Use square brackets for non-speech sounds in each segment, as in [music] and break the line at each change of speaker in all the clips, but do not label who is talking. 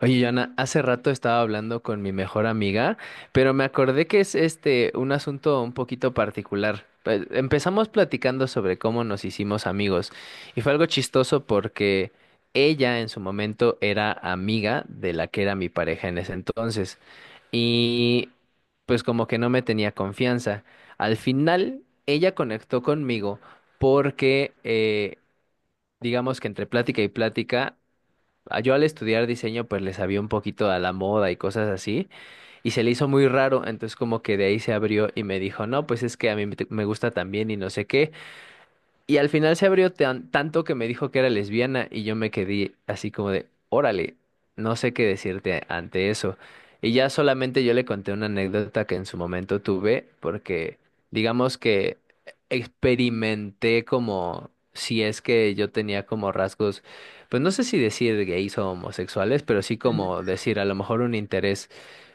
Oye, Joana, hace rato estaba hablando con mi mejor amiga, pero me acordé que es un asunto un poquito particular. Empezamos platicando sobre cómo nos hicimos amigos y fue algo chistoso porque ella en su momento era amiga de la que era mi pareja en ese entonces y pues como que no me tenía confianza. Al final ella conectó conmigo porque digamos que entre plática y plática yo al estudiar diseño pues le sabía un poquito a la moda y cosas así y se le hizo muy raro, entonces como que de ahí se abrió y me dijo, no, pues es que a mí me gusta también y no sé qué. Y al final se abrió tanto que me dijo que era lesbiana y yo me quedé así como de, órale, no sé qué decirte ante eso. Y ya solamente yo le conté una anécdota que en su momento tuve, porque digamos que experimenté como si es que yo tenía como rasgos, pues no sé si decir gays o homosexuales, pero sí como
Ajá.
decir a lo mejor un interés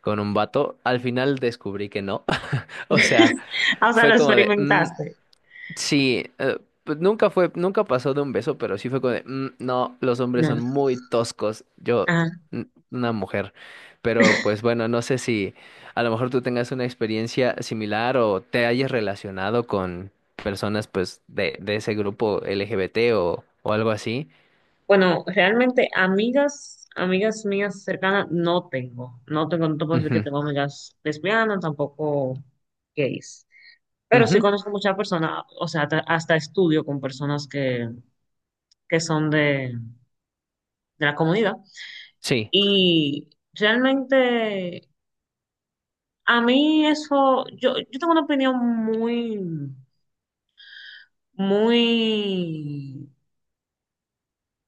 con un vato. Al final descubrí que no. [laughs] O
[laughs]
sea,
Ah, o sea, lo
fue como de... "Mm,
experimentaste.
Sí, pues nunca fue, nunca pasó de un beso, pero sí fue como de, "Mm, no, los hombres son
No.
muy toscos, yo,
Ah,
mm, una mujer. Pero pues bueno, no sé si a lo mejor tú tengas una experiencia similar o te hayas relacionado con personas pues de ese grupo LGBT o algo así.
bueno, realmente amigas mías cercanas no tengo. No tengo, no te puedo decir que
Ujú,
tengo amigas lesbianas, tampoco gays. Pero sí
ujú,
conozco muchas personas, o sea, hasta estudio con personas que son de la comunidad.
sí,
Y realmente a mí eso, yo tengo una opinión muy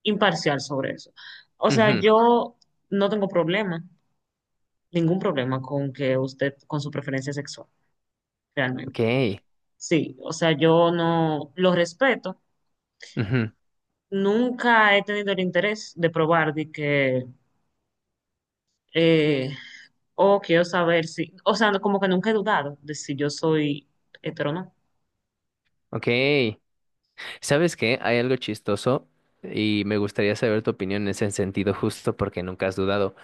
imparcial sobre eso. O sea,
ujú,
yo no tengo problema, ningún problema con que usted, con su preferencia sexual, realmente.
ok,
Sí, o sea, yo no lo respeto.
ujú,
Nunca he tenido el interés de probar eh, o quiero saber si, o sea, como que nunca he dudado de si yo soy hetero o no.
ok. ¿Sabes qué? Hay algo chistoso y me gustaría saber tu opinión en ese sentido justo porque nunca has dudado.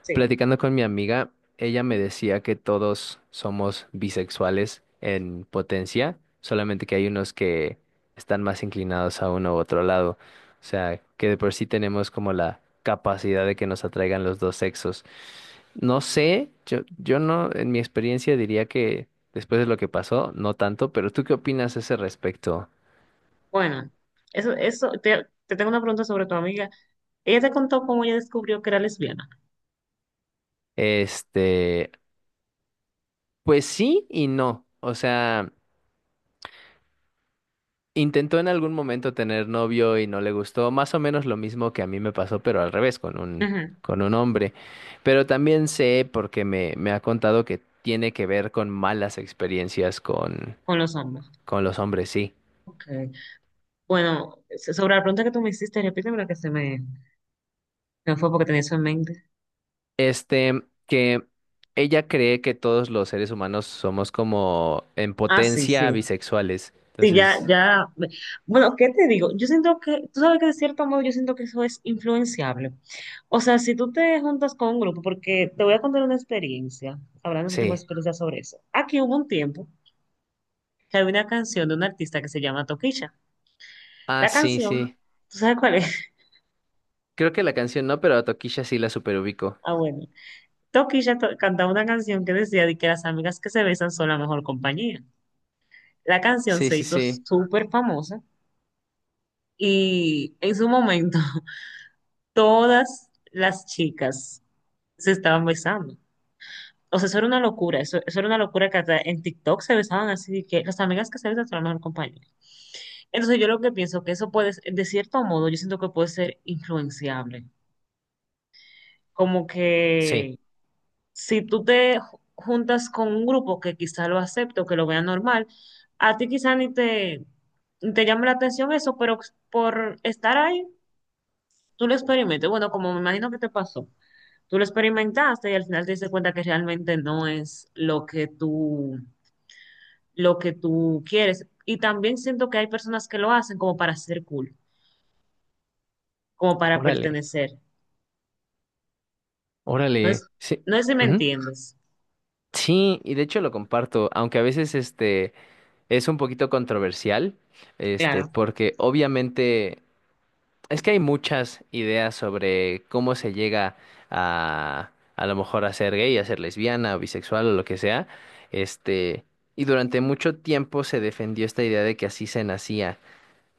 Sí.
Platicando con mi amiga, ella me decía que todos somos bisexuales en potencia, solamente que hay unos que están más inclinados a uno u otro lado. O sea, que de por sí tenemos como la capacidad de que nos atraigan los dos sexos. No sé, yo no, en mi experiencia diría que después de lo que pasó, no tanto, pero ¿tú qué opinas a ese respecto?
Bueno, te tengo una pregunta sobre tu amiga. Ella te contó cómo ella descubrió que era lesbiana.
Este, pues sí y no. O sea... Intentó en algún momento tener novio y no le gustó, más o menos lo mismo que a mí me pasó, pero al revés,
Ujú.
con un hombre. Pero también sé, porque me ha contado que tiene que ver con malas experiencias
Con los hombres.
con los hombres, sí.
Ok. Bueno, sobre la pregunta que tú me hiciste, repítemela que me fue porque tenía eso en mente.
Este, que ella cree que todos los seres humanos somos como en
Ah, sí, sí.
potencia bisexuales.
Sí, ya,
Entonces,
ya. Bueno, ¿qué te digo? Yo siento que, tú sabes que de cierto modo yo siento que eso es influenciable. O sea, si tú te juntas con un grupo, porque te voy a contar una experiencia, hablando si tengo
sí.
experiencia sobre eso. Aquí hubo un tiempo que había una canción de un artista que se llama Toquilla.
Ah,
La
sí,
canción,
sí.
¿tú sabes cuál es?
Creo que la canción no, pero a Tokisha sí la superubico.
[laughs] Ah, bueno. Toquilla cantaba una canción que decía de que las amigas que se besan son la mejor compañía. La canción
Sí,
se
sí,
hizo
sí.
súper famosa y en su momento [laughs] todas las chicas se estaban besando. O sea, eso era una locura, eso era una locura que hasta en TikTok se besaban así, de que las amigas que se besan son la mejor compañía. Entonces yo lo que pienso que eso de cierto modo, yo siento que puede ser influenciable. Como
Sí.
que si tú te juntas con un grupo que quizá lo acepte o que lo vea normal, a ti quizá ni te llame la atención eso, pero por estar ahí, tú lo experimentes. Bueno, como me imagino que te pasó, tú lo experimentaste y al final te diste cuenta que realmente no es lo que lo que tú quieres. Y también siento que hay personas que lo hacen como para ser cool, como para
Órale.
pertenecer. Entonces,
Órale, sí,
no sé si me
ujú.
entiendes.
Sí, y de hecho lo comparto, aunque a veces es un poquito controversial, este,
Claro.
porque obviamente es que hay muchas ideas sobre cómo se llega a lo mejor a ser gay, a ser lesbiana o bisexual o lo que sea, este, y durante mucho tiempo se defendió esta idea de que así se nacía,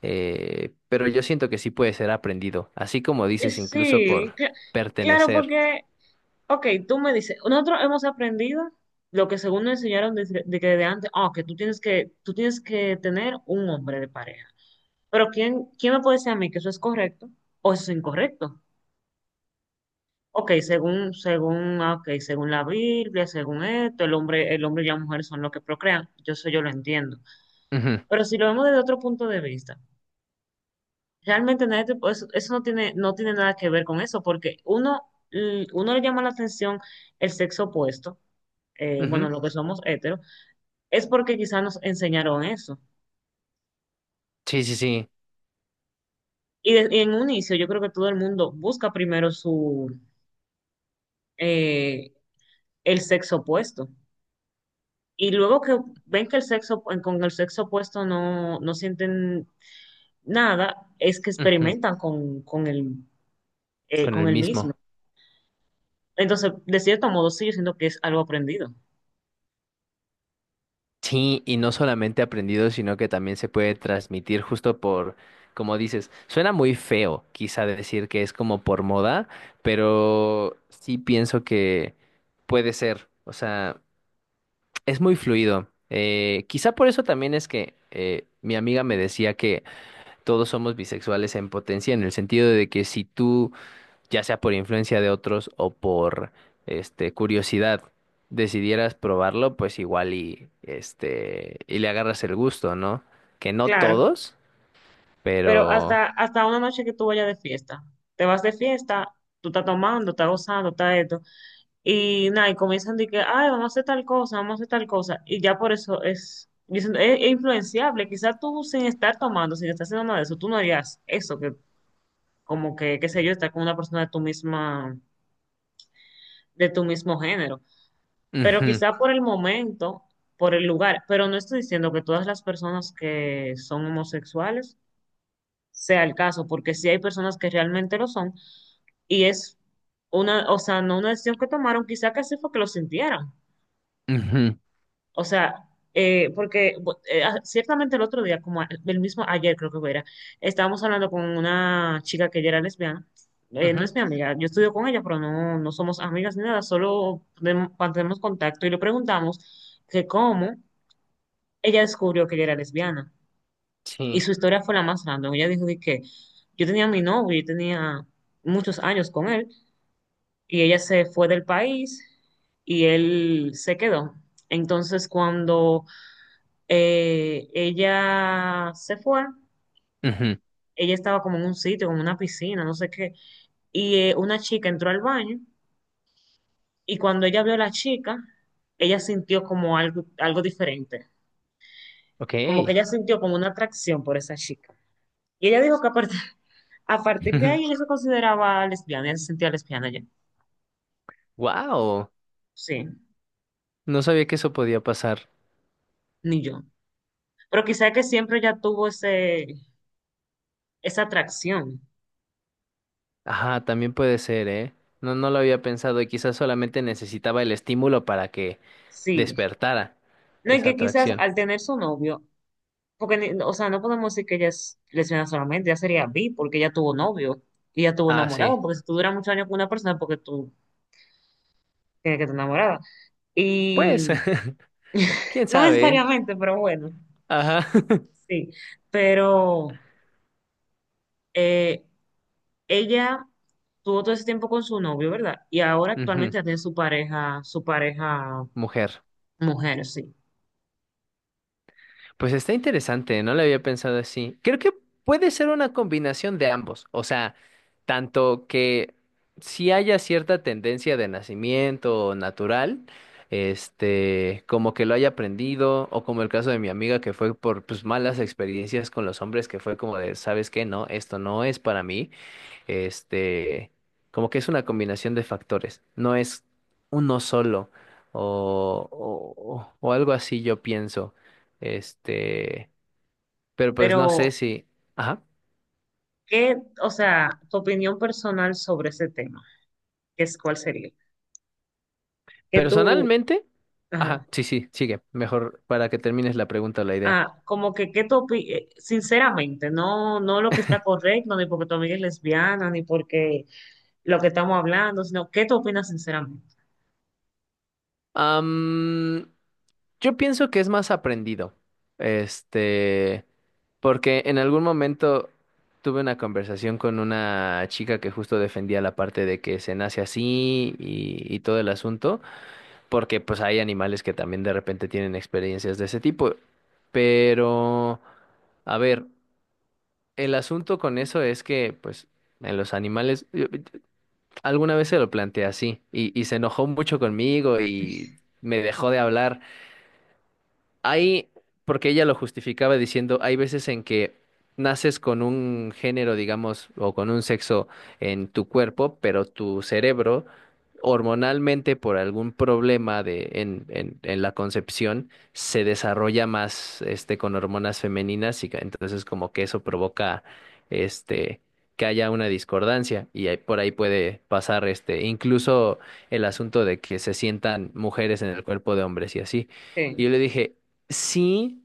pero yo siento que sí puede ser aprendido, así como
Eh,
dices, incluso
Sí,
por
cl- claro,
pertenecer.
porque, ok, tú me dices, nosotros hemos aprendido lo que según nos enseñaron de antes, ah, que tú tienes que, tú tienes que tener un hombre de pareja. Pero ¿quién, quién me puede decir a mí que eso es correcto o eso es incorrecto? Ok, según la Biblia, según esto, el hombre y la mujer son los que procrean. Yo lo entiendo.
Ujú,
Pero si lo vemos desde otro punto de vista, realmente nadie te puede- eso no tiene, no tiene nada que ver con eso, porque uno le llama la atención el sexo opuesto, bueno,
ujú.
los que somos heteros, es porque quizás nos enseñaron eso.
Sí, sí, sí.
Y en un inicio yo creo que todo el mundo busca primero eh, el sexo opuesto. Y luego que ven con el sexo opuesto no, no sienten nada, es que
Ujú,
experimentan
con
con
el
el mismo.
mismo.
Entonces, de cierto modo, sí, yo siento que es algo aprendido.
Sí, y no solamente aprendido, sino que también se puede transmitir justo por, como dices, suena muy feo, quizá decir que es como por moda, pero sí pienso que puede ser, o sea, es muy fluido. Quizá por eso también es que mi amiga me decía que todos somos bisexuales en potencia, en el sentido de que si tú ya sea por influencia de otros o por curiosidad, decidieras probarlo, pues igual y y le agarras el gusto, ¿no? Que no
Claro,
todos,
pero
pero
hasta una noche que tú vayas de fiesta, te vas de fiesta, tú estás tomando, estás gozando, estás esto, y nada, y comienzan de que, ay, vamos a hacer tal cosa, vamos a hacer tal cosa. Y ya por eso dicen, es influenciable. Quizás tú sin estar tomando, sin estar haciendo nada de eso, tú no harías eso, que como que, qué sé yo, estar con una persona de de tu mismo género. Pero
ujú,
quizá por el momento, por el lugar. Pero no estoy diciendo que todas las personas que son homosexuales sea el caso, porque sí hay personas que realmente lo son. Y es una, o sea, no una decisión que tomaron, quizá que así fue que lo sintieran.
ujú,
O sea, ciertamente el otro día, como el mismo ayer creo que fue, estábamos hablando con una chica que ella era lesbiana. No es
ujú,
mi amiga, yo estudio con ella, pero no, no somos amigas ni nada, mantenemos contacto y le preguntamos que cómo ella descubrió que ella era lesbiana. Y
sí.
su historia fue la más random. Ella dijo de que yo tenía mi novio, yo tenía muchos años con él, y ella se fue del país y él se quedó. Entonces, cuando ella se fue,
Ujú,
ella estaba como en un sitio, como una piscina, no sé qué, y una chica entró al baño y cuando ella vio a la chica, ella sintió como algo, algo diferente,
ok.
como que ella sintió como una atracción por esa chica. Y ella dijo que [laughs] a partir de ahí ella
[laughs]
se consideraba lesbiana, ella se sentía lesbiana ya.
Wow.
Sí,
No sabía que eso podía pasar.
ni yo. Pero quizá que siempre ya tuvo esa atracción,
Ajá, también puede ser, ¿eh? No, no lo había pensado y quizás solamente necesitaba el estímulo para que
sí.
despertara
No, y
esa
que quizás
atracción.
al tener su novio, porque, o sea, no podemos decir que ella es lesbiana solamente, ya sería bi, porque ella tuvo novio y ella tuvo
Ah, sí.
enamorado, porque si tú duras muchos años con una persona, es porque tú tienes que estar enamorada.
Pues.
Y
[laughs] ¿Quién
no
sabe? ¿Eh?
necesariamente, pero bueno,
Ajá. [laughs]
sí. Pero eh, ella tuvo todo ese tiempo con su novio, ¿verdad? Y ahora actualmente
Ujú,
ya tiene su pareja
mujer.
mujer, sí.
Pues está interesante, no lo había pensado así. Creo que puede ser una combinación de ambos. O sea, tanto que si haya cierta tendencia de nacimiento natural, este, como que lo haya aprendido, o como el caso de mi amiga que fue por pues, malas experiencias con los hombres, que fue como de, ¿sabes qué? No, esto no es para mí. Este, como que es una combinación de factores, no es uno solo o algo así yo pienso. Este, pero pues no
Pero,
sé si, ajá,
¿qué, o sea, tu opinión personal sobre ese tema? ¿Qué es, cuál sería? ¿Qué tú?
personalmente,
Ajá.
ajá, sí, sí, sigue, mejor para que termines la pregunta o la idea.
Ah, como que, ¿qué tú opi- Sinceramente, no, no lo que está correcto, ni porque tu amiga es lesbiana, ni porque lo que estamos hablando, sino ¿qué tú opinas sinceramente?
Am, Yo pienso que es más aprendido. Este, porque en algún momento tuve una conversación con una chica que justo defendía la parte de que se nace así y todo el asunto, porque pues hay animales que también de repente tienen experiencias de ese tipo. Pero, a ver, el asunto con eso es que, pues, en los animales, alguna vez se lo planteé así y se enojó mucho conmigo y me dejó de hablar. Hay, porque ella lo justificaba diciendo, hay veces en que naces con un género, digamos, o con un sexo en tu cuerpo, pero tu cerebro, hormonalmente, por algún problema en la concepción, se desarrolla más este, con hormonas femeninas y entonces como que eso provoca este, que haya una discordancia y por ahí puede pasar este, incluso el asunto de que se sientan mujeres en el cuerpo de hombres y así. Y
Sí,
yo le dije, sí,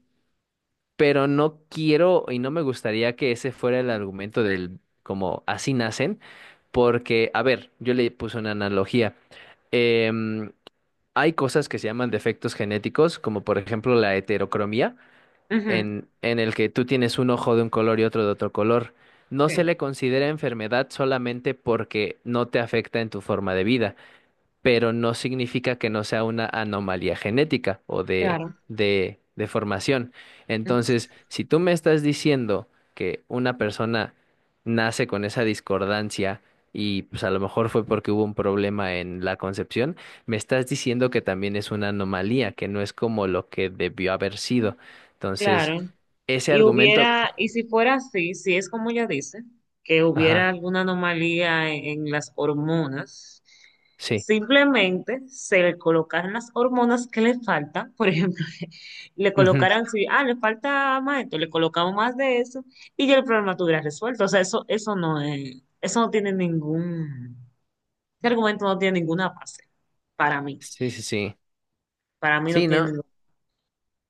pero no quiero y no me gustaría que ese fuera el argumento del como así nacen, porque, a ver, yo le puse una analogía. Em, Hay cosas que se llaman defectos genéticos, como por ejemplo la heterocromía,
ujú,
en el que tú tienes un ojo de un color y otro de otro color. No se
sí,
le considera enfermedad solamente porque no te afecta en tu forma de vida, pero no significa que no sea una anomalía genética o
claro,
de formación.
ujú,
Entonces, si tú me estás diciendo que una persona nace con esa discordancia y pues a lo mejor fue porque hubo un problema en la concepción, me estás diciendo que también es una anomalía, que no es como lo que debió haber sido. Entonces,
claro.
ese
Y
argumento,
hubiera, y si fuera así, si es como ella dice, que hubiera
ajá,
alguna anomalía en las hormonas,
sí.
simplemente se le colocaran las hormonas que le faltan, por ejemplo, [laughs] le
Ujú,
colocaran, si, ah, le falta más esto, le colocamos más de eso, y ya el problema tuviera resuelto. O sea, eso no tiene ningún, ese argumento no tiene ninguna base, para mí,
sí, sí, sí.
para mí no
Sí,
tiene
¿no?
ningún-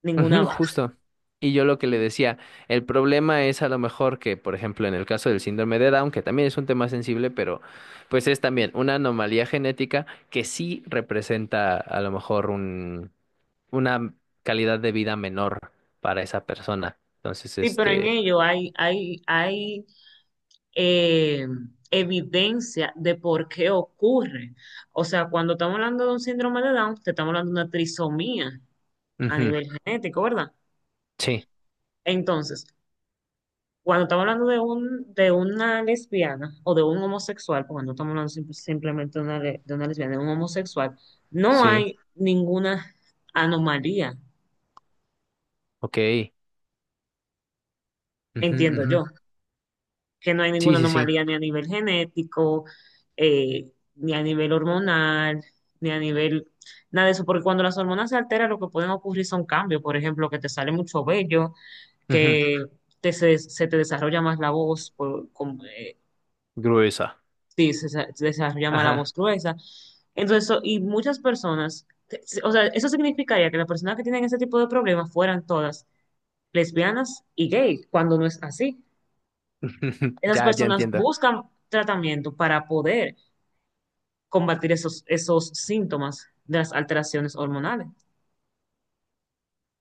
ninguna
Ujú,
base.
justo. Y yo lo que le decía, el problema es a lo mejor que, por ejemplo, en el caso del síndrome de Down, que también es un tema sensible, pero pues es también una anomalía genética que sí representa a lo mejor un, una calidad de vida menor para esa persona. Entonces,
Sí, pero en
este,
ello hay eh, evidencia de por qué ocurre. O sea, cuando estamos hablando de un síndrome de Down, te estamos hablando de una trisomía a
ujú,
nivel genético, ¿verdad?
sí,
Entonces, cuando estamos hablando de de una lesbiana o de un homosexual, porque no estamos hablando simplemente de de una lesbiana, de un homosexual, no
sí,
hay ninguna anomalía,
ok, ujú,
entiendo
ujú,
yo. Que no hay
sí,
ninguna
sí, sí,
anomalía ni a nivel genético, eh, ni a nivel hormonal, ni a nivel nada de eso, porque cuando las hormonas se alteran, lo que pueden ocurrir son cambios, por ejemplo, que te sale mucho vello,
ujú,
que te, se te desarrolla más la voz,
gruesa.
sí, se desarrolla más la
Ajá,
voz gruesa. Entonces, y muchas personas, o sea, eso significaría que las personas que tienen ese tipo de problemas fueran todas lesbianas y gay, cuando no es así.
[laughs]
Esas
ya, ya
personas
entiendo.
buscan tratamiento para poder combatir esos síntomas de las alteraciones hormonales.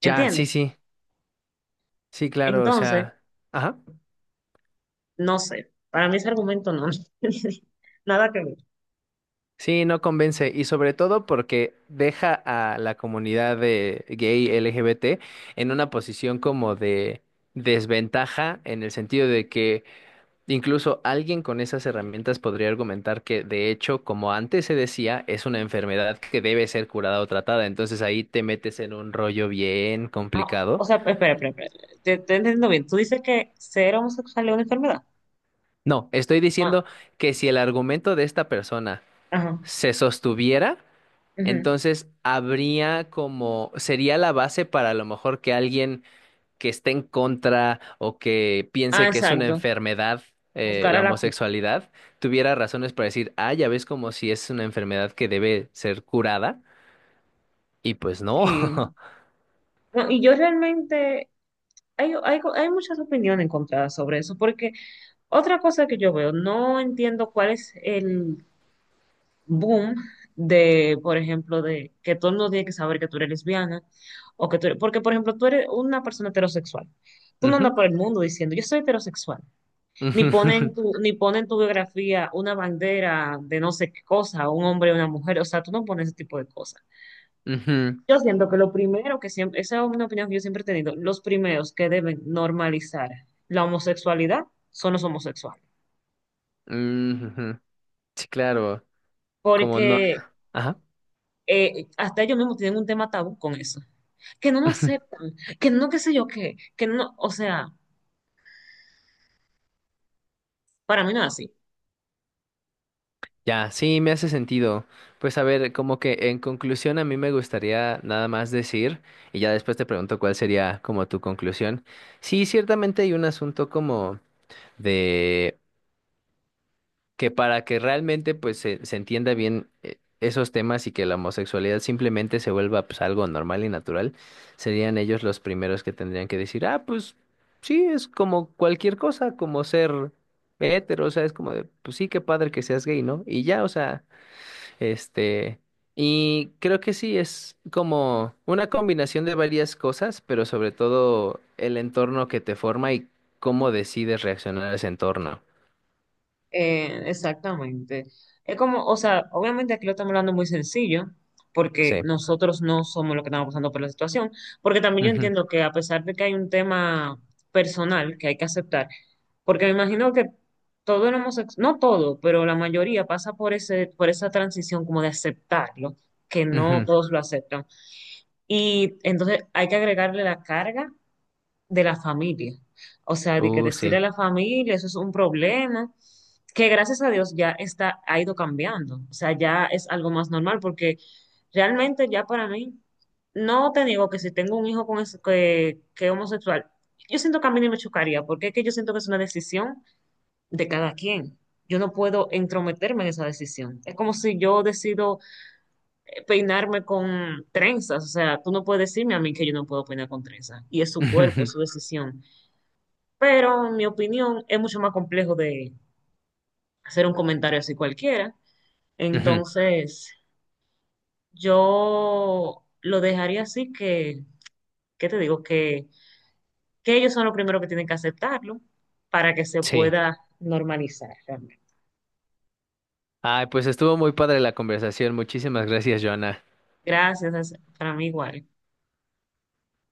Ya, sí,
¿Entiendes?
sí, sí, claro, o
Entonces,
sea, ajá.
no sé. Para mí ese argumento no. [laughs] Nada que ver.
Sí, no convence y sobre todo porque deja a la comunidad de gay LGBT en una posición como de desventaja en el sentido de que incluso alguien con esas herramientas podría argumentar que de hecho, como antes se decía, es una enfermedad que debe ser curada o tratada, entonces ahí te metes en un rollo bien
Ah,
complicado.
o sea, espera, espera, espera. Te entiendo bien. Tú dices que ser homosexual es una enfermedad.
No, estoy
Ah,
diciendo que si el argumento de esta persona
ajá.
se sostuviera,
Ujú.
entonces, habría como, sería la base para a lo mejor que alguien que esté en contra o que
Ah,
piense que es una
exacto.
enfermedad
Buscar
la
a la cura.
homosexualidad, tuviera razones para decir, ah, ya ves como si es una enfermedad que debe ser curada, y pues no.
Sí.
[laughs]
No, y yo realmente. Hay muchas opiniones encontradas sobre eso, porque otra cosa que yo veo, no entiendo cuál es el boom de, por ejemplo, de que todo el mundo tiene que saber que tú eres lesbiana o que tú eres, porque, por ejemplo, tú eres una persona heterosexual. Tú no andas
Ujú,
por el mundo diciendo, yo soy heterosexual.
ujú,
Ni ponen tu biografía una bandera de no sé qué cosa, un hombre o una mujer. O sea, tú no pones ese tipo de cosas.
[laughs] ujú,
Yo siento que lo primero que siempre, esa es una opinión que yo siempre he tenido, los primeros que deben normalizar la homosexualidad son los homosexuales.
ujú. Sí, claro, como no.
Porque
Ajá.
hasta ellos mismos tienen un tema tabú con eso, que no lo
[laughs]
aceptan, que no qué sé yo qué, que no, o sea, para mí no es así.
Ya, sí, me hace sentido. Pues a ver, como que en conclusión a mí me gustaría nada más decir, y ya después te pregunto cuál sería como tu conclusión. Sí, ciertamente hay un asunto como de que para que realmente pues se entienda bien esos temas y que la homosexualidad simplemente se vuelva pues algo normal y natural, serían ellos los primeros que tendrían que decir, ah, pues sí, es como cualquier cosa, como ser hetero, o sea, es como de, pues sí, qué padre que seas gay, ¿no? Y ya, o sea... Este, y creo que sí, es como una combinación de varias cosas, pero sobre todo el entorno que te forma y cómo decides reaccionar a ese entorno.
Exactamente. Es como, o sea, obviamente aquí lo estamos hablando muy sencillo, porque
Sí.
nosotros no somos los que estamos pasando por la situación, porque también yo
Ujú,
entiendo que a pesar de que hay un tema personal que hay que aceptar, porque me imagino que todo el homosexual, no todo, pero la mayoría pasa por por esa transición como de aceptarlo, que no
ujú.
todos lo aceptan. Y entonces hay que agregarle la carga de la familia. O sea, de que destruir a
Sí.
la familia, eso es un problema que gracias a Dios ya está, ha ido cambiando. O sea, ya es algo más normal porque realmente ya para mí, no te digo que si tengo un hijo con que es homosexual, yo siento que a mí ni me chocaría porque es que yo siento que es una decisión de cada quien. Yo no puedo entrometerme en esa decisión. Es como si yo decido peinarme con trenzas. O sea, tú no puedes decirme a mí que yo no puedo peinar con trenzas. Y es su cuerpo, es su
[laughs]
decisión. Pero en mi opinión es mucho más complejo de hacer un comentario así cualquiera.
Ujú, ujú.
Entonces, yo lo dejaría así que, ¿qué te digo? Que ellos son los primeros que tienen que aceptarlo para que se
Sí.
pueda normalizar realmente.
Ay, pues estuvo muy padre la conversación. Muchísimas gracias, Joana.
Gracias, es para mí igual.